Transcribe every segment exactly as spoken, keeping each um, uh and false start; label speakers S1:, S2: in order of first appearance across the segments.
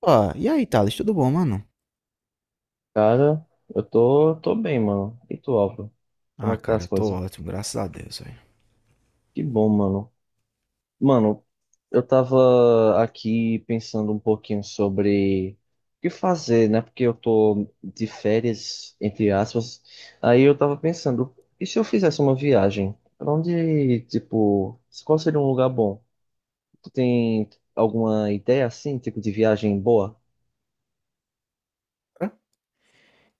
S1: Ó, e aí, Thales, tudo bom, mano?
S2: Cara, eu tô, tô bem, mano. E tu, Álvaro? Como
S1: Ah,
S2: é que tá
S1: cara,
S2: as
S1: eu tô
S2: coisas?
S1: ótimo, graças a Deus, velho.
S2: Que bom, mano. Mano, eu tava aqui pensando um pouquinho sobre o que fazer, né? Porque eu tô de férias, entre aspas. Aí eu tava pensando, e se eu fizesse uma viagem? Pra onde, tipo, qual seria um lugar bom? Tu tem alguma ideia assim, tipo, de viagem boa?
S1: Hã?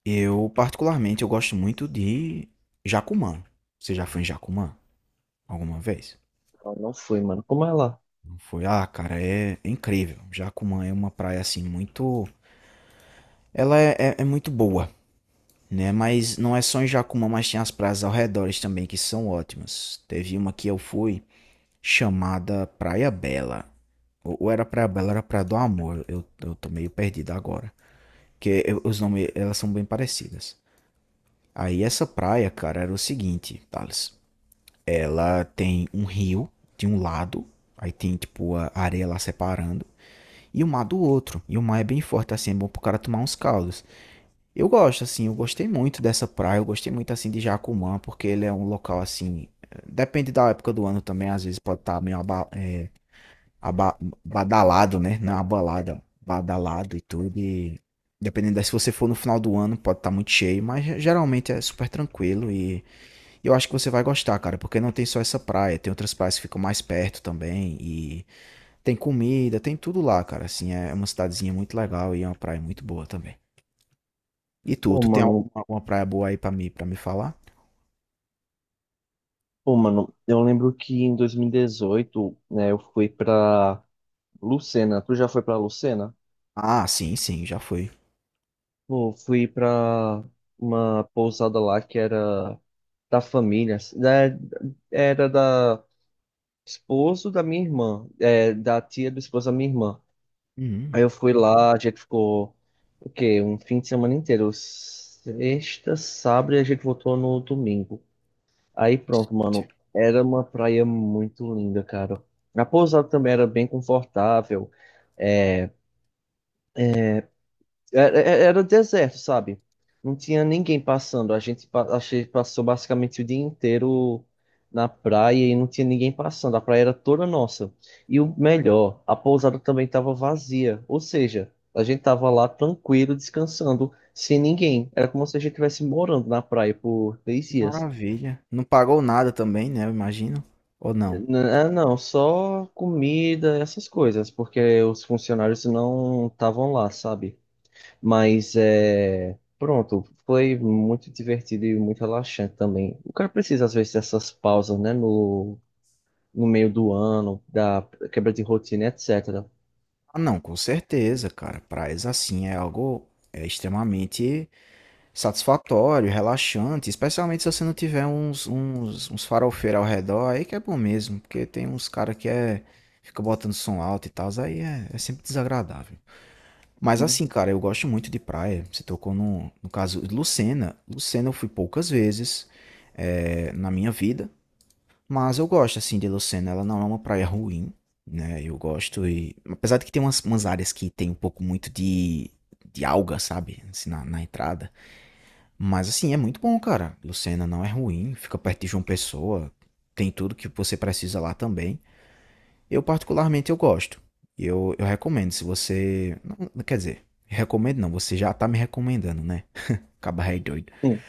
S1: Eu, particularmente, eu gosto muito de Jacumã. Você já foi em Jacumã alguma vez?
S2: Eu não fui, mano. Como é lá?
S1: Não foi? Ah, cara, é incrível. Jacumã é uma praia, assim, muito... Ela é, é- é muito boa, né? Mas não é só em Jacumã, mas tem as praias ao redor também que são ótimas. Teve uma que eu fui chamada Praia Bela. Ou ou era Praia Bela, era Praia do Amor. Eu, eu tô meio perdido agora. Porque os nomes, elas são bem parecidas. Aí essa praia, cara, era o seguinte, Thales. Ela tem um rio de um lado, aí tem tipo a areia lá separando, e o mar do outro. E o mar é bem forte assim, é bom pro cara tomar uns caldos. Eu gosto assim, eu gostei muito dessa praia, eu gostei muito assim de Jacumã, porque ele é um local assim, eh, depende da época do ano também, às vezes pode estar meio abal aba- badalado, né? Na balada, badalado e tudo. E dependendo da, se você for no final do ano, pode estar muito cheio, mas ge- geralmente é super tranquilo e e eu acho que você vai gostar, cara, porque não tem só essa praia, tem outras praias que ficam mais perto também e tem comida, tem tudo lá, cara. Assim, é é uma cidadezinha muito legal e é uma praia muito boa também. E tu,
S2: Pô,
S1: tu tem
S2: mano,
S1: alguma, alguma praia boa aí pra mim, para me falar?
S2: Pô, mano, eu lembro que em dois mil e dezoito, né, eu fui pra Lucena. Tu já foi pra Lucena?
S1: Ah, sim, sim, já fui.
S2: Pô, fui pra uma pousada lá que era da família, assim, né, era da esposo da minha irmã, é, da tia do esposo da minha irmã. Aí
S1: Hum,
S2: eu fui lá, a gente ficou, o quê? Um fim de semana inteiro, sexta, sábado e a gente voltou no domingo. Aí pronto, mano. Era uma praia muito linda, cara. A pousada também era bem confortável. Era, era era deserto, sabe? Não tinha ninguém passando. A gente, pa- a gente passou basicamente o dia inteiro na praia e não tinha ninguém passando. A praia era toda nossa. E o melhor, a pousada também estava vazia. Ou seja, a gente tava lá tranquilo, descansando, sem ninguém. Era como se a gente estivesse morando na praia por três
S1: que
S2: dias.
S1: maravilha. Não pagou nada também, né? Eu imagino. Ou não?
S2: N- ah, Não, só comida, essas coisas, porque os funcionários não estavam lá, sabe? Mas é. Pronto, foi muito divertido e muito relaxante também. O cara precisa, às vezes, dessas pausas, né? No, no meio do ano, da quebra de rotina, et cetera.
S1: Ah, não, com certeza, cara. Praias assim é algo é extremamente satisfatório, relaxante, especialmente se você não tiver uns, uns, uns farofeiros ao redor, aí que é bom mesmo, porque tem uns cara que é, fica botando som alto e tal, aí é, é sempre desagradável. Mas
S2: Uhum.
S1: assim, cara, eu gosto muito de praia. Você tocou no, no caso de Lucena. Lucena eu fui poucas vezes é, na minha vida. Mas eu gosto, assim, de Lucena. Ela não é uma praia ruim, né? Eu gosto e... Apesar de que tem umas, umas áreas que tem um pouco muito de, de alga, sabe? Assim, na, na entrada. Mas, assim, é muito bom, cara. Lucena não é ruim. Fica perto de João Pessoa. Tem tudo que você precisa lá também. Eu, particularmente, eu gosto. Eu, eu recomendo, se você... não, quer dizer, recomendo não. Você já tá me recomendando, né? Caba rei doido.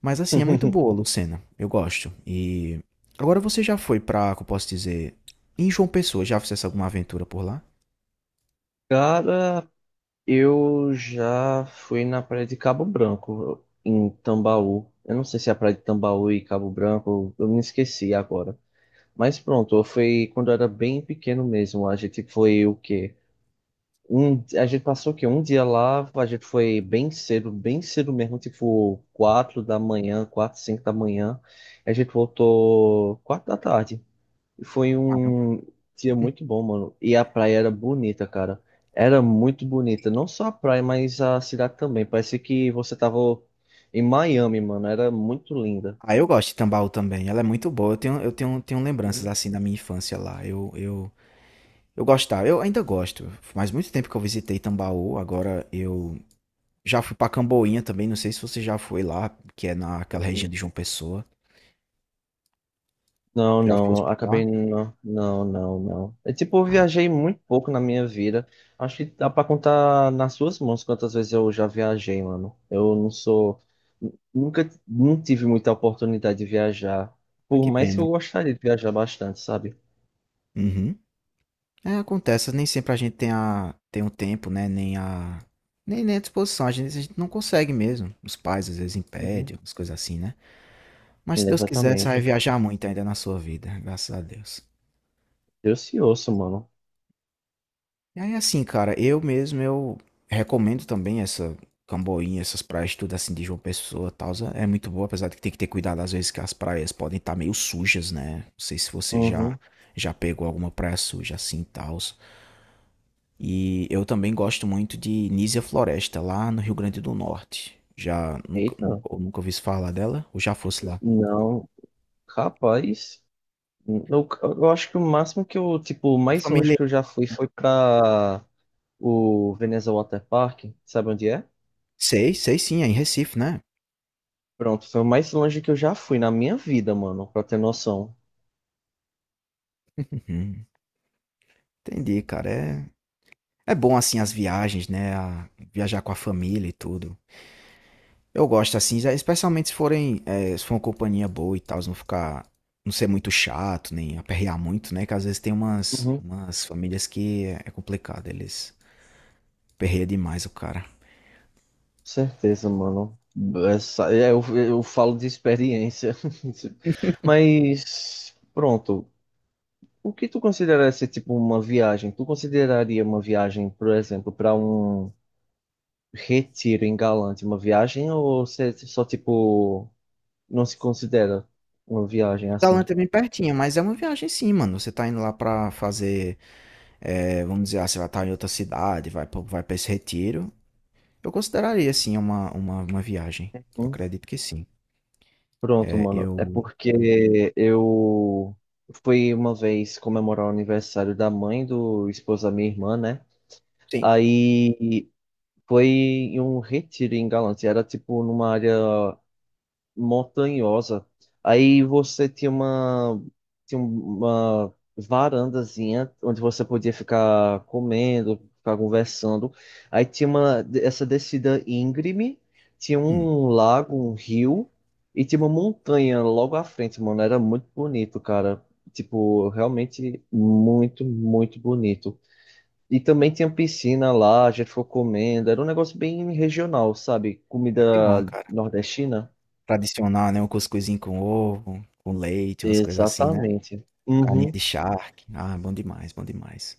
S1: Mas assim, é muito
S2: Hum.
S1: boa, Lucena. Eu gosto. E agora você já foi pra, como eu posso dizer, em João Pessoa, já fizesse alguma aventura por lá?
S2: Cara, eu já fui na praia de Cabo Branco, em Tambaú. Eu não sei se é a praia de Tambaú e Cabo Branco, eu me esqueci agora. Mas pronto, foi quando eu era bem pequeno mesmo. A gente foi o quê? Um, a gente passou o quê? Um dia lá, a gente foi bem cedo, bem cedo mesmo, tipo quatro da manhã, quatro, cinco da manhã. A gente voltou quatro da tarde. E foi
S1: Caramba.
S2: um dia muito bom, mano. E a praia era bonita, cara. Era muito bonita. Não só a praia, mas a cidade também. Parecia que você tava em Miami, mano. Era muito linda.
S1: Ah, eu gosto de Tambaú também. Ela é muito boa. Eu tenho, eu tenho, tenho lembranças
S2: Uhum.
S1: assim da minha infância lá. Eu, eu, eu gostava. Eu ainda gosto. Faz muito tempo que eu visitei Tambaú. Agora eu já fui pra Camboinha também. Não sei se você já foi lá, que é naquela região de João Pessoa.
S2: Não,
S1: Já fosse
S2: não,
S1: por lá?
S2: acabei não, não, não, não. É tipo, eu
S1: Ah,
S2: viajei muito pouco na minha vida. Acho que dá pra contar nas suas mãos quantas vezes eu já viajei, mano. Eu não sou, nunca, não tive muita oportunidade de viajar, por
S1: que
S2: mais que
S1: pena.
S2: eu gostaria de viajar bastante, sabe?
S1: Uhum. É, acontece, nem sempre a gente tem, a, tem o tempo, né? Nem a, nem, nem a disposição, a gente, a gente não consegue mesmo. Os pais às vezes
S2: Uhum.
S1: impedem, umas coisas assim, né? Mas se Deus quiser, você vai
S2: Exatamente.
S1: viajar muito ainda na sua vida, graças a Deus.
S2: Eu se ouço, mano.
S1: E aí, assim, cara, eu mesmo, eu recomendo também essa Camboinha, essas praias, tudo assim de João Pessoa e tal. É muito boa, apesar de que tem que ter cuidado às vezes que as praias podem estar meio sujas, né? Não sei se você já,
S2: Uhum.
S1: já pegou alguma praia suja assim e tal. E eu também gosto muito de Nísia Floresta, lá no Rio Grande do Norte. Já nunca, nunca,
S2: Eita,
S1: ou nunca ouvi falar dela, ou já fosse lá.
S2: não, capaz. Eu, eu acho que o máximo que eu, tipo, o
S1: É
S2: mais longe
S1: familiar.
S2: que eu já fui foi pra o Veneza Water Park, sabe onde é?
S1: Sei, sei sim, é em Recife, né?
S2: Pronto, foi o mais longe que eu já fui na minha vida, mano, pra ter noção.
S1: Uhum. Entendi, cara. É, é bom assim as viagens, né? A- viajar com a família e tudo. Eu gosto assim, já- especialmente se forem, é, se for uma companhia boa e tal, se não ficar, não ser muito chato, nem aperrear muito, né? Que às vezes tem umas,
S2: Uhum, com
S1: umas famílias que é, é complicado, eles aperreiam demais o cara.
S2: certeza, mano. Essa, é, eu, eu falo de experiência. Mas, pronto, o que tu considera ser tipo uma viagem? Tu consideraria uma viagem, por exemplo, para um retiro em Galante uma viagem ou você só tipo não se considera uma viagem assim?
S1: Talanta é bem pertinho, mas é uma viagem sim, mano. Você tá indo lá pra fazer, eh, vamos dizer, ah, você vai estar em outra cidade, vai, pra- vai para esse retiro. Eu consideraria sim uma, uma, uma viagem. Eu acredito que sim.
S2: Pronto,
S1: É,
S2: mano. É
S1: eu.
S2: porque eu fui uma vez comemorar o aniversário da mãe do esposo da minha irmã, né?
S1: Sim.
S2: Aí foi em um retiro em Galantes. E era tipo numa área montanhosa. Aí você tinha uma, tinha uma varandazinha onde você podia ficar comendo, ficar conversando. Aí tinha uma, essa descida íngreme, tinha
S1: Hum,
S2: um lago, um rio e tinha uma montanha logo à frente, mano. Era muito bonito, cara. Tipo, realmente muito, muito bonito. E também tinha piscina lá, a gente ficou comendo. Era um negócio bem regional, sabe?
S1: que bom,
S2: Comida
S1: cara.
S2: nordestina.
S1: Tradicional, né? Um cuscuzinho com ovo, com leite, umas coisas assim, né?
S2: Exatamente.
S1: Carninha de
S2: Uhum.
S1: charque. Ah, bom demais, bom demais.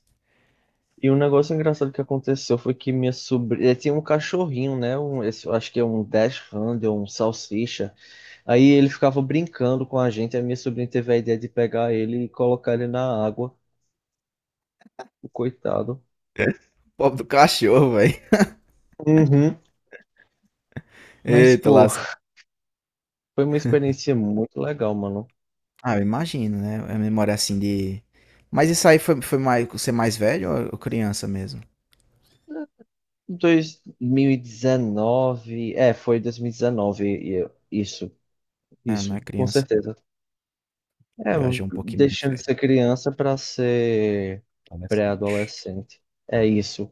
S2: E um negócio engraçado que aconteceu foi que minha sobrinha tinha um cachorrinho, né? Um, esse- eu acho que é um Dash Handle, um salsicha. Aí ele ficava brincando com a gente. A minha sobrinha teve a ideia de pegar ele e colocar ele na água, o coitado.
S1: Pobre do cachorro, velho.
S2: Uhum. Mas,
S1: Eita,
S2: pô,
S1: lasca.
S2: foi uma experiência muito legal, mano.
S1: Ah, eu imagino, né? A memória assim de. Mas isso aí foi, foi mais, você mais velho ou ou criança mesmo?
S2: dois mil e dezenove, é, foi dois mil e dezenove, e dezenove. E eu- isso,
S1: É, não
S2: isso,
S1: é
S2: com
S1: criança
S2: certeza. É,
S1: não, já já é um pouquinho mais
S2: deixando de
S1: velho,
S2: ser criança para ser
S1: adolescente.
S2: pré-adolescente. É
S1: É.
S2: isso.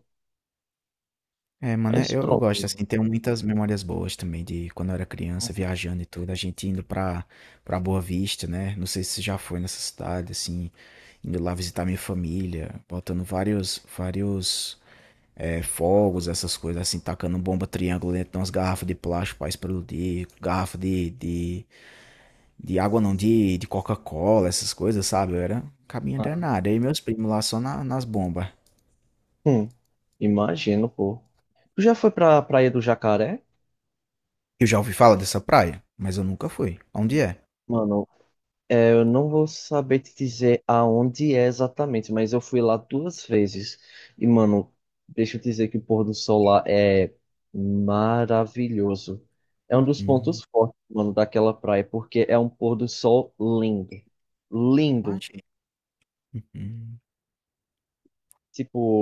S1: É, mano, é-
S2: Mas
S1: eu eu
S2: pronto,
S1: gosto,
S2: mano.
S1: assim, tenho muitas memórias boas também de quando eu era criança,
S2: Uhum.
S1: viajando e tudo, a gente indo pra pra Boa Vista, né, não sei se você já foi nessa cidade, assim, indo lá visitar minha família, botando vários vários, eh, fogos, essas coisas, assim, tacando bomba triângulo dentro de umas garrafas de plástico pra explodir, garrafa de de de água não, de de Coca-Cola, essas coisas, sabe, eu era um cabinha
S2: Ah,
S1: danado, aí meus primos lá só na nas bomba.
S2: hum, imagino, pô. Tu já foi pra Praia do Jacaré?
S1: Eu já ouvi falar dessa praia, mas eu nunca fui. Onde é?
S2: Mano, é, eu não vou saber te dizer aonde é exatamente, mas eu fui lá duas vezes. E, mano, deixa eu dizer que o pôr do sol lá é maravilhoso. É um dos
S1: Uhum,
S2: pontos fortes, mano, daquela praia, porque é um pôr do sol lindo. Lindo.
S1: imagina. Uhum.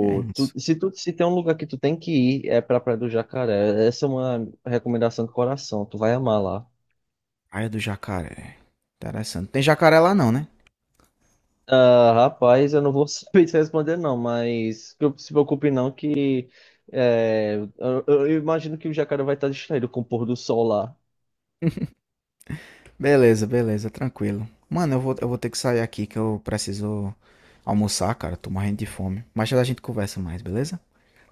S1: É
S2: tu-
S1: isso.
S2: se, tu, se tem um lugar que tu tem que ir, é pra Praia do Jacaré. Essa é uma recomendação do coração, tu vai amar lá.
S1: Praia do Jacaré. Interessante. Tem jacaré lá não, né?
S2: Ah, rapaz, eu não vou saber te responder não, mas não se preocupe não que é, eu, eu imagino que o Jacaré vai estar distraído com o pôr do sol lá.
S1: Beleza, beleza, tranquilo. Mano, eu vou, eu vou ter que sair aqui que eu preciso almoçar, cara. Tô morrendo de fome. Mas já a gente conversa mais, beleza?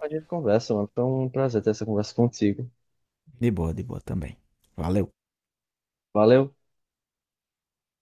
S2: A gente conversa, mano. Foi um prazer ter essa conversa contigo.
S1: De boa, de boa também. Valeu.
S2: Valeu.